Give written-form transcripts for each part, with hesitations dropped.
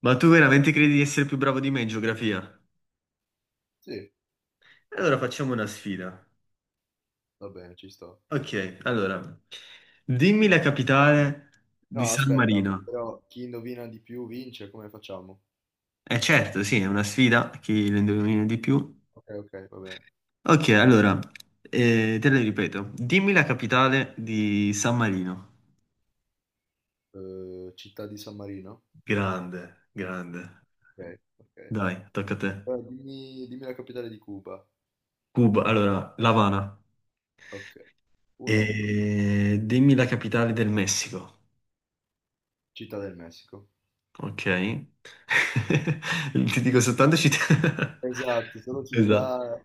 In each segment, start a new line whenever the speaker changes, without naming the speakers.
Ma tu veramente credi di essere più bravo di me in geografia?
Sì,
Allora facciamo una sfida.
va bene, ci sto.
Ok, allora, dimmi la capitale di
No,
San
aspetta,
Marino.
però chi indovina di più vince, come facciamo?
Eh certo, sì, è una sfida, chi lo indovina di più.
Ok, ok, va bene.
Ok, allora, te la ripeto, dimmi la capitale di San Marino.
Città di San Marino?
Grande, grande.
Ok, ok.
Dai, tocca a te.
Allora, dimmi, dimmi la capitale di Cuba.
Cuba, allora, La Habana.
Ok, 1-1.
E dimmi la capitale del Messico.
Città del Messico.
Ok. Ti dico soltanto città.
Esatto, sono
Esatto.
città.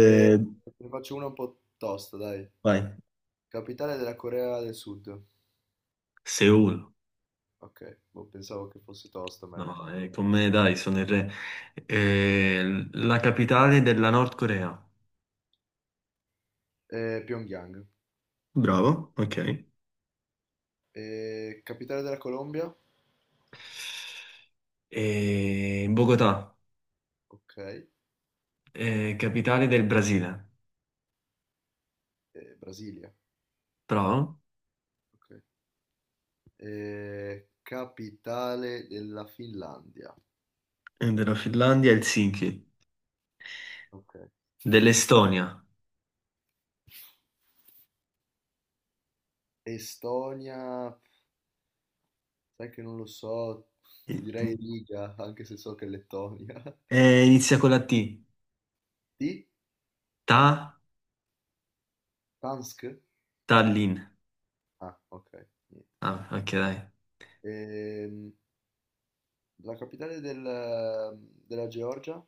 E te ne faccio una un po' tosta, dai.
vai.
Capitale della Corea del Sud.
Seul.
Ok, boh, pensavo che fosse tosta, ma in
No,
realtà non lo
con me dai, sono il re. La capitale della Nord Corea.
è. Pyongyang.
Bravo, ok.
Capitale della Colombia?
Bogotà,
Ok.
capitale del Brasile.
Brasilia,
Bravo.
ok. Capitale della Finlandia,
E della Finlandia, Helsinki.
ok.
Dell'Estonia.
Estonia, sai che non lo so, ti direi Riga, anche se so che è Lettonia.
Inizia con la T.
Di?
Ta,
Tansk?
Tallinn.
Ah, ok, niente.
Ah, ok, dai.
Ehm, la capitale della Georgia?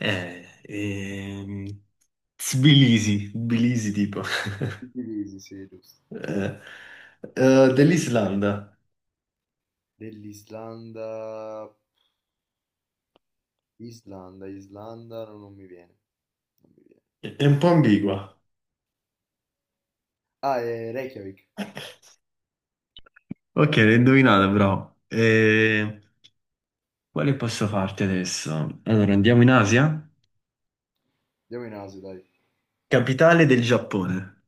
Eh, ehm, Tbilisi, Tbilisi tipo.
Tbilisi, sì, giusto.
Eh, dell'Islanda.
Dell'Islanda, Islanda, Islanda, no, non mi viene, non mi viene.
È un po' ambigua.
Ah, è Reykjavik,
Ok, l'ho indovinata però. Quale posso farti adesso? Allora, andiamo in Asia?
andiamo in Asia, dai.
Capitale del Giappone.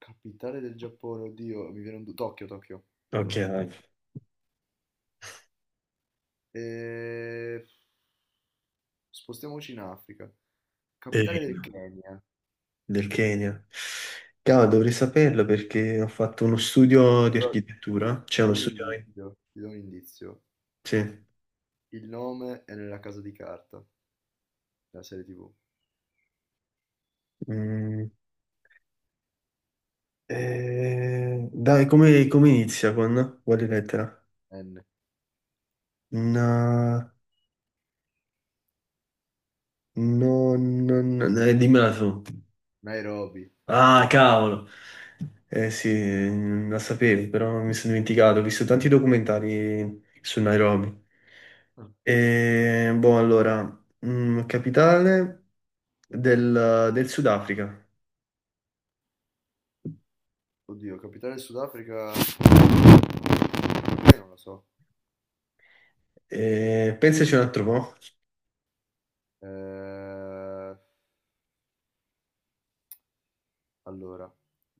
Capitale del Giappone, oddio, mi viene Tokyo, Tokyo,
Ok,
Tokyo.
dai.
E. Spostiamoci in Africa.
Eh,
Capitale del Kenya.
del Kenya. Cavolo, dovrei saperlo perché ho fatto uno studio di
Però
architettura. C'è
ti
uno
do un
studio...
indizio, ti do un indizio.
sì.
Il nome è nella casa di carta, della serie TV.
Mm. Dai, come inizia con quale lettera?
N.
No, no, no, no, dimmela tu.
Nairobi.
Ah, cavolo. Eh sì, la sapevo, però mi sono dimenticato. Ho visto tanti documentari su Nairobi.
Ah.
Boh, allora, mm, capitale del Sudafrica.
Oddio, capitale del Sudafrica. Non lo so.
Pensaci un altro po'.
Eh, allora,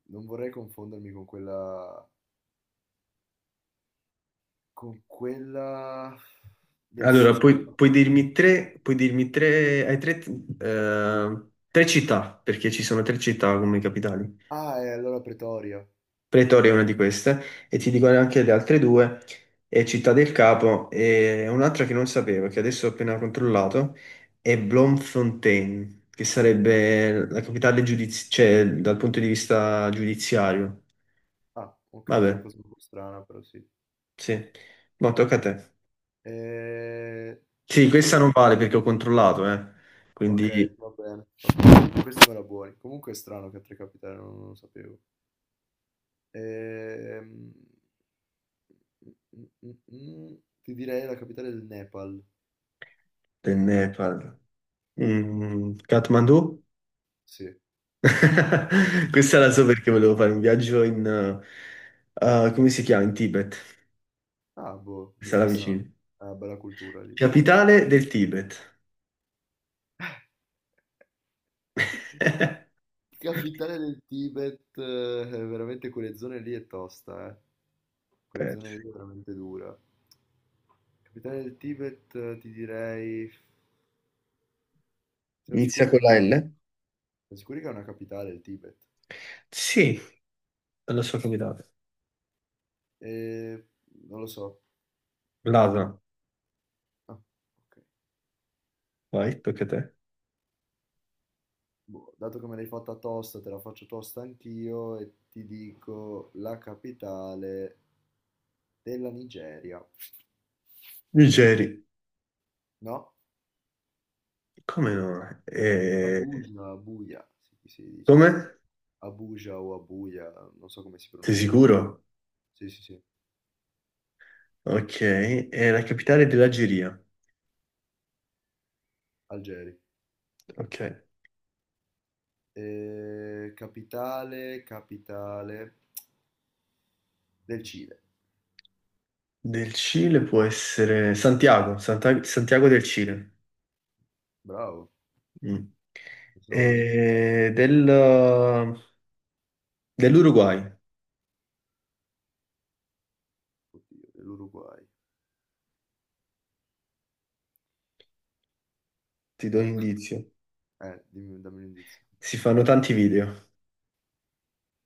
non vorrei confondermi con quella del
Allora,
Sudan.
puoi dirmi tre, hai tre, tre città, perché ci sono tre città come capitali.
Ah, è allora Pretoria.
Pretoria è una di queste, e ti dico anche le altre due, è Città del Capo e un'altra che non sapevo, che adesso ho appena controllato, è Bloemfontein, che sarebbe la capitale cioè, dal punto di vista giudiziario.
Ah, ok, è una
Vabbè,
cosa un po' strana, però sì.
sì. No, tocca a te.
Eh,
Sì, questa
que-
non vale perché ho controllato, eh. Quindi
Ok, va bene. Ok, questa me la buoni. Comunque è strano che a Tre Capitali non lo sapevo. Ehm, mm, mm, mm, Ti direi la capitale del Nepal.
te ne parlo. Mm, Kathmandu?
Sì, non
Questa
ci
la so
credo.
perché volevo fare un viaggio in... come si chiama? In Tibet.
Ah, boh,
Questa è la
interessante.
vicina.
Ah, bella cultura lì, sì.
Capitale del Tibet. Aspetta.
Capitale del Tibet, veramente quelle zone lì è tosta, eh. Quelle zone lì è veramente dura. Capitale del Tibet, ti direi. Siamo sicuri
Inizia
che
con
è una,
la
capi-
L?
siamo sicuri che è una capitale il Tibet?
Sì, è la sua capitale.
Eh, non lo so.
Lhasa.
Ah, ok.
Vai, tocca a te.
Boh, dato che me l'hai fatta tosta, te la faccio tosta anch'io e ti dico la capitale della Nigeria.
Nigeri.
No?
Come no?
Abuja, Abuja, sì, si dice.
Come?
Abuja o Abuja, non so come si
Sei
pronuncia.
sicuro?
Sì, sì, sì,
Ok, è la capitale dell'Algeria.
Algeri.
Ok.
Capitale, capitale del Cile.
Del Cile può essere Santiago, Santa- Santiago del Cile.
Bravo,
Mm.
pensavo non la sapevo.
E del- dell'Uruguay,
Oddio, dell'Uruguay.
ti do un indizio.
Dammi un indizio.
Si fanno tanti video,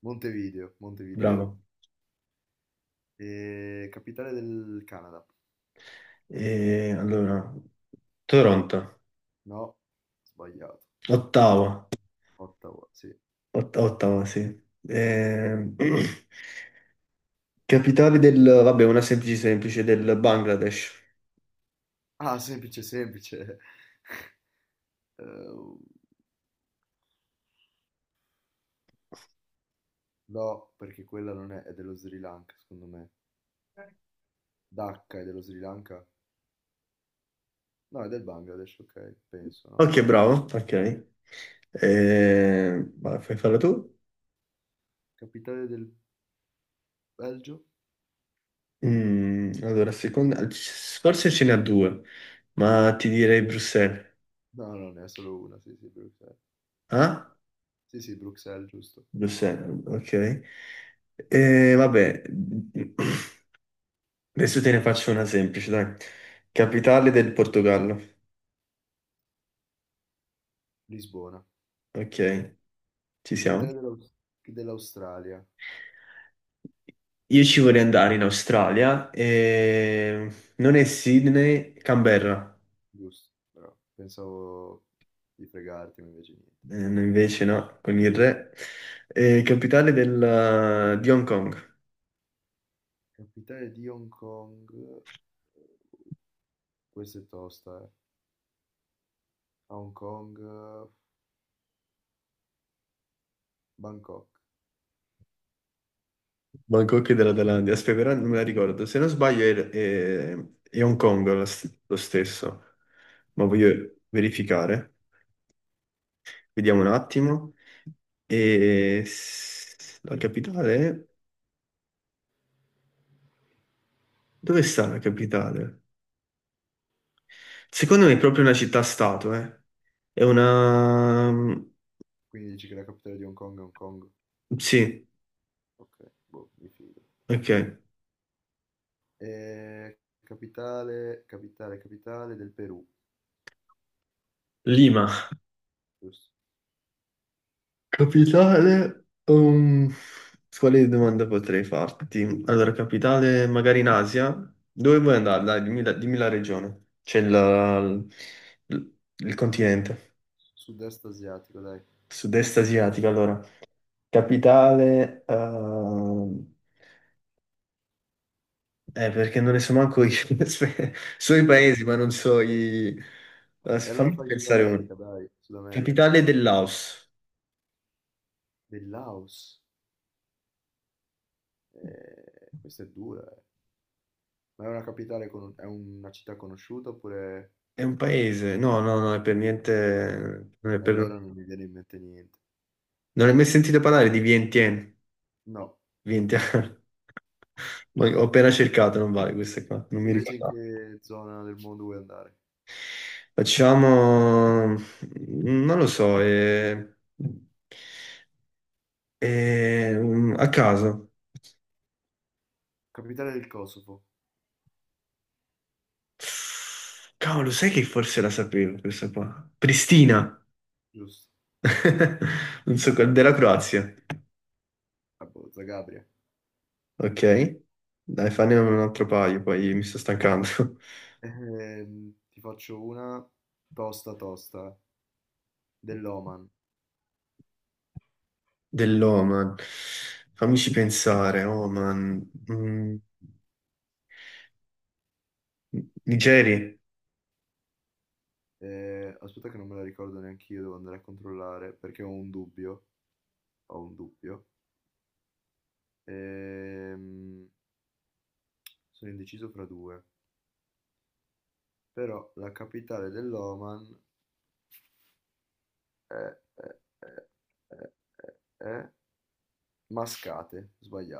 Montevideo, Montevideo.
bravo.
Capitale del Canada.
E allora, Toronto,
No, sbagliato.
Ottawa,
Ottawa, sì.
Ot- Ottawa, sì. E- Capitale del, vabbè, una semplice semplice, del Bangladesh.
Ah, semplice, semplice. Eh, no, perché quella non è, è dello Sri Lanka, secondo me. Dhaka è dello Sri Lanka. No, è del Bangladesh, ok, penso, no?
Ok, bravo, ok. E... vai, fai farla tu?
Capitale del Belgio?
Mm, allora, seconda... Forse ce n'ha due, ma ti direi Bruxelles.
No, no, ne è solo una, sì, sì, Bruxelles.
Ah?
Sì, sì, Bruxelles, giusto.
Bruxelles, ok. Vabbè, adesso te ne faccio una semplice, dai. Capitale del Portogallo.
Lisbona.
Ok, ci siamo.
Capitale dell'Australia,
Io ci vorrei andare in Australia e non è Sydney, Canberra.
giusto, però pensavo di fregarti, ma invece niente.
Invece no, con il re. Capitale di Hong Kong.
Capitale di Hong Kong, eh, questa è tosta, eh. A Hong Kong, Bangkok.
Bangkok e della Thailandia, aspetta, però non me la ricordo. Se non sbaglio è Hong Kong la lo stesso, ma
Ah,
voglio verificare. Vediamo un attimo. E s- la capitale? Dove sta la capitale? Secondo me è proprio una città-stato, eh. È una...
quindi dici che la capitale di Hong Kong è Hong Kong?
Sì,
Ok, boh, mi fido.
ok.
Capitale del Perù.
Lima.
Giusto.
Capitale, quale domanda potrei farti? Allora, capitale magari in Asia? Dove vuoi andare? Dai, dimmi la regione. C'è il, il continente,
Sud-est asiatico, dai.
sud-est asiatico, allora. Capitale, ehm, perché non ne so manco io. Aspe- so i paesi, ma non so i...
E allora
fammi
fai Sud
pensare uno.
America, dai. Sud America.
Capitale del Laos.
Del Laos. Questa è dura, eh. Ma è una capitale, è una città conosciuta oppure.
È un paese? No, no, no, è per niente... Non è
E
per...
allora non mi viene in mente niente.
Non hai mai sentito parlare di Vientiane?
No. Mai.
Vientiane. Ma ho appena cercato, non vale questa qua, non mi
Invece in
ricordavo.
che zona del mondo vuoi andare?
Facciamo, non lo so, un- a caso.
Capitale del Kosovo,
Cavolo, sai che forse la sapevo questa qua? Pristina,
giusto.
non so, qual- della Croazia.
Ah, boh, Zagabria.
Ok, dai, fanne un altro paio, poi mi sto stancando.
Ti faccio una tosta tosta dell'Oman.
Dell'Oman. Fammici pensare, Oman. Mm, Nigeria.
Aspetta che non me la ricordo neanche io, devo andare a controllare perché ho un dubbio. Ho un dubbio. Ehm, sono indeciso fra due, però la capitale dell'Oman è, è- è- è- è Mascate, sbagliato.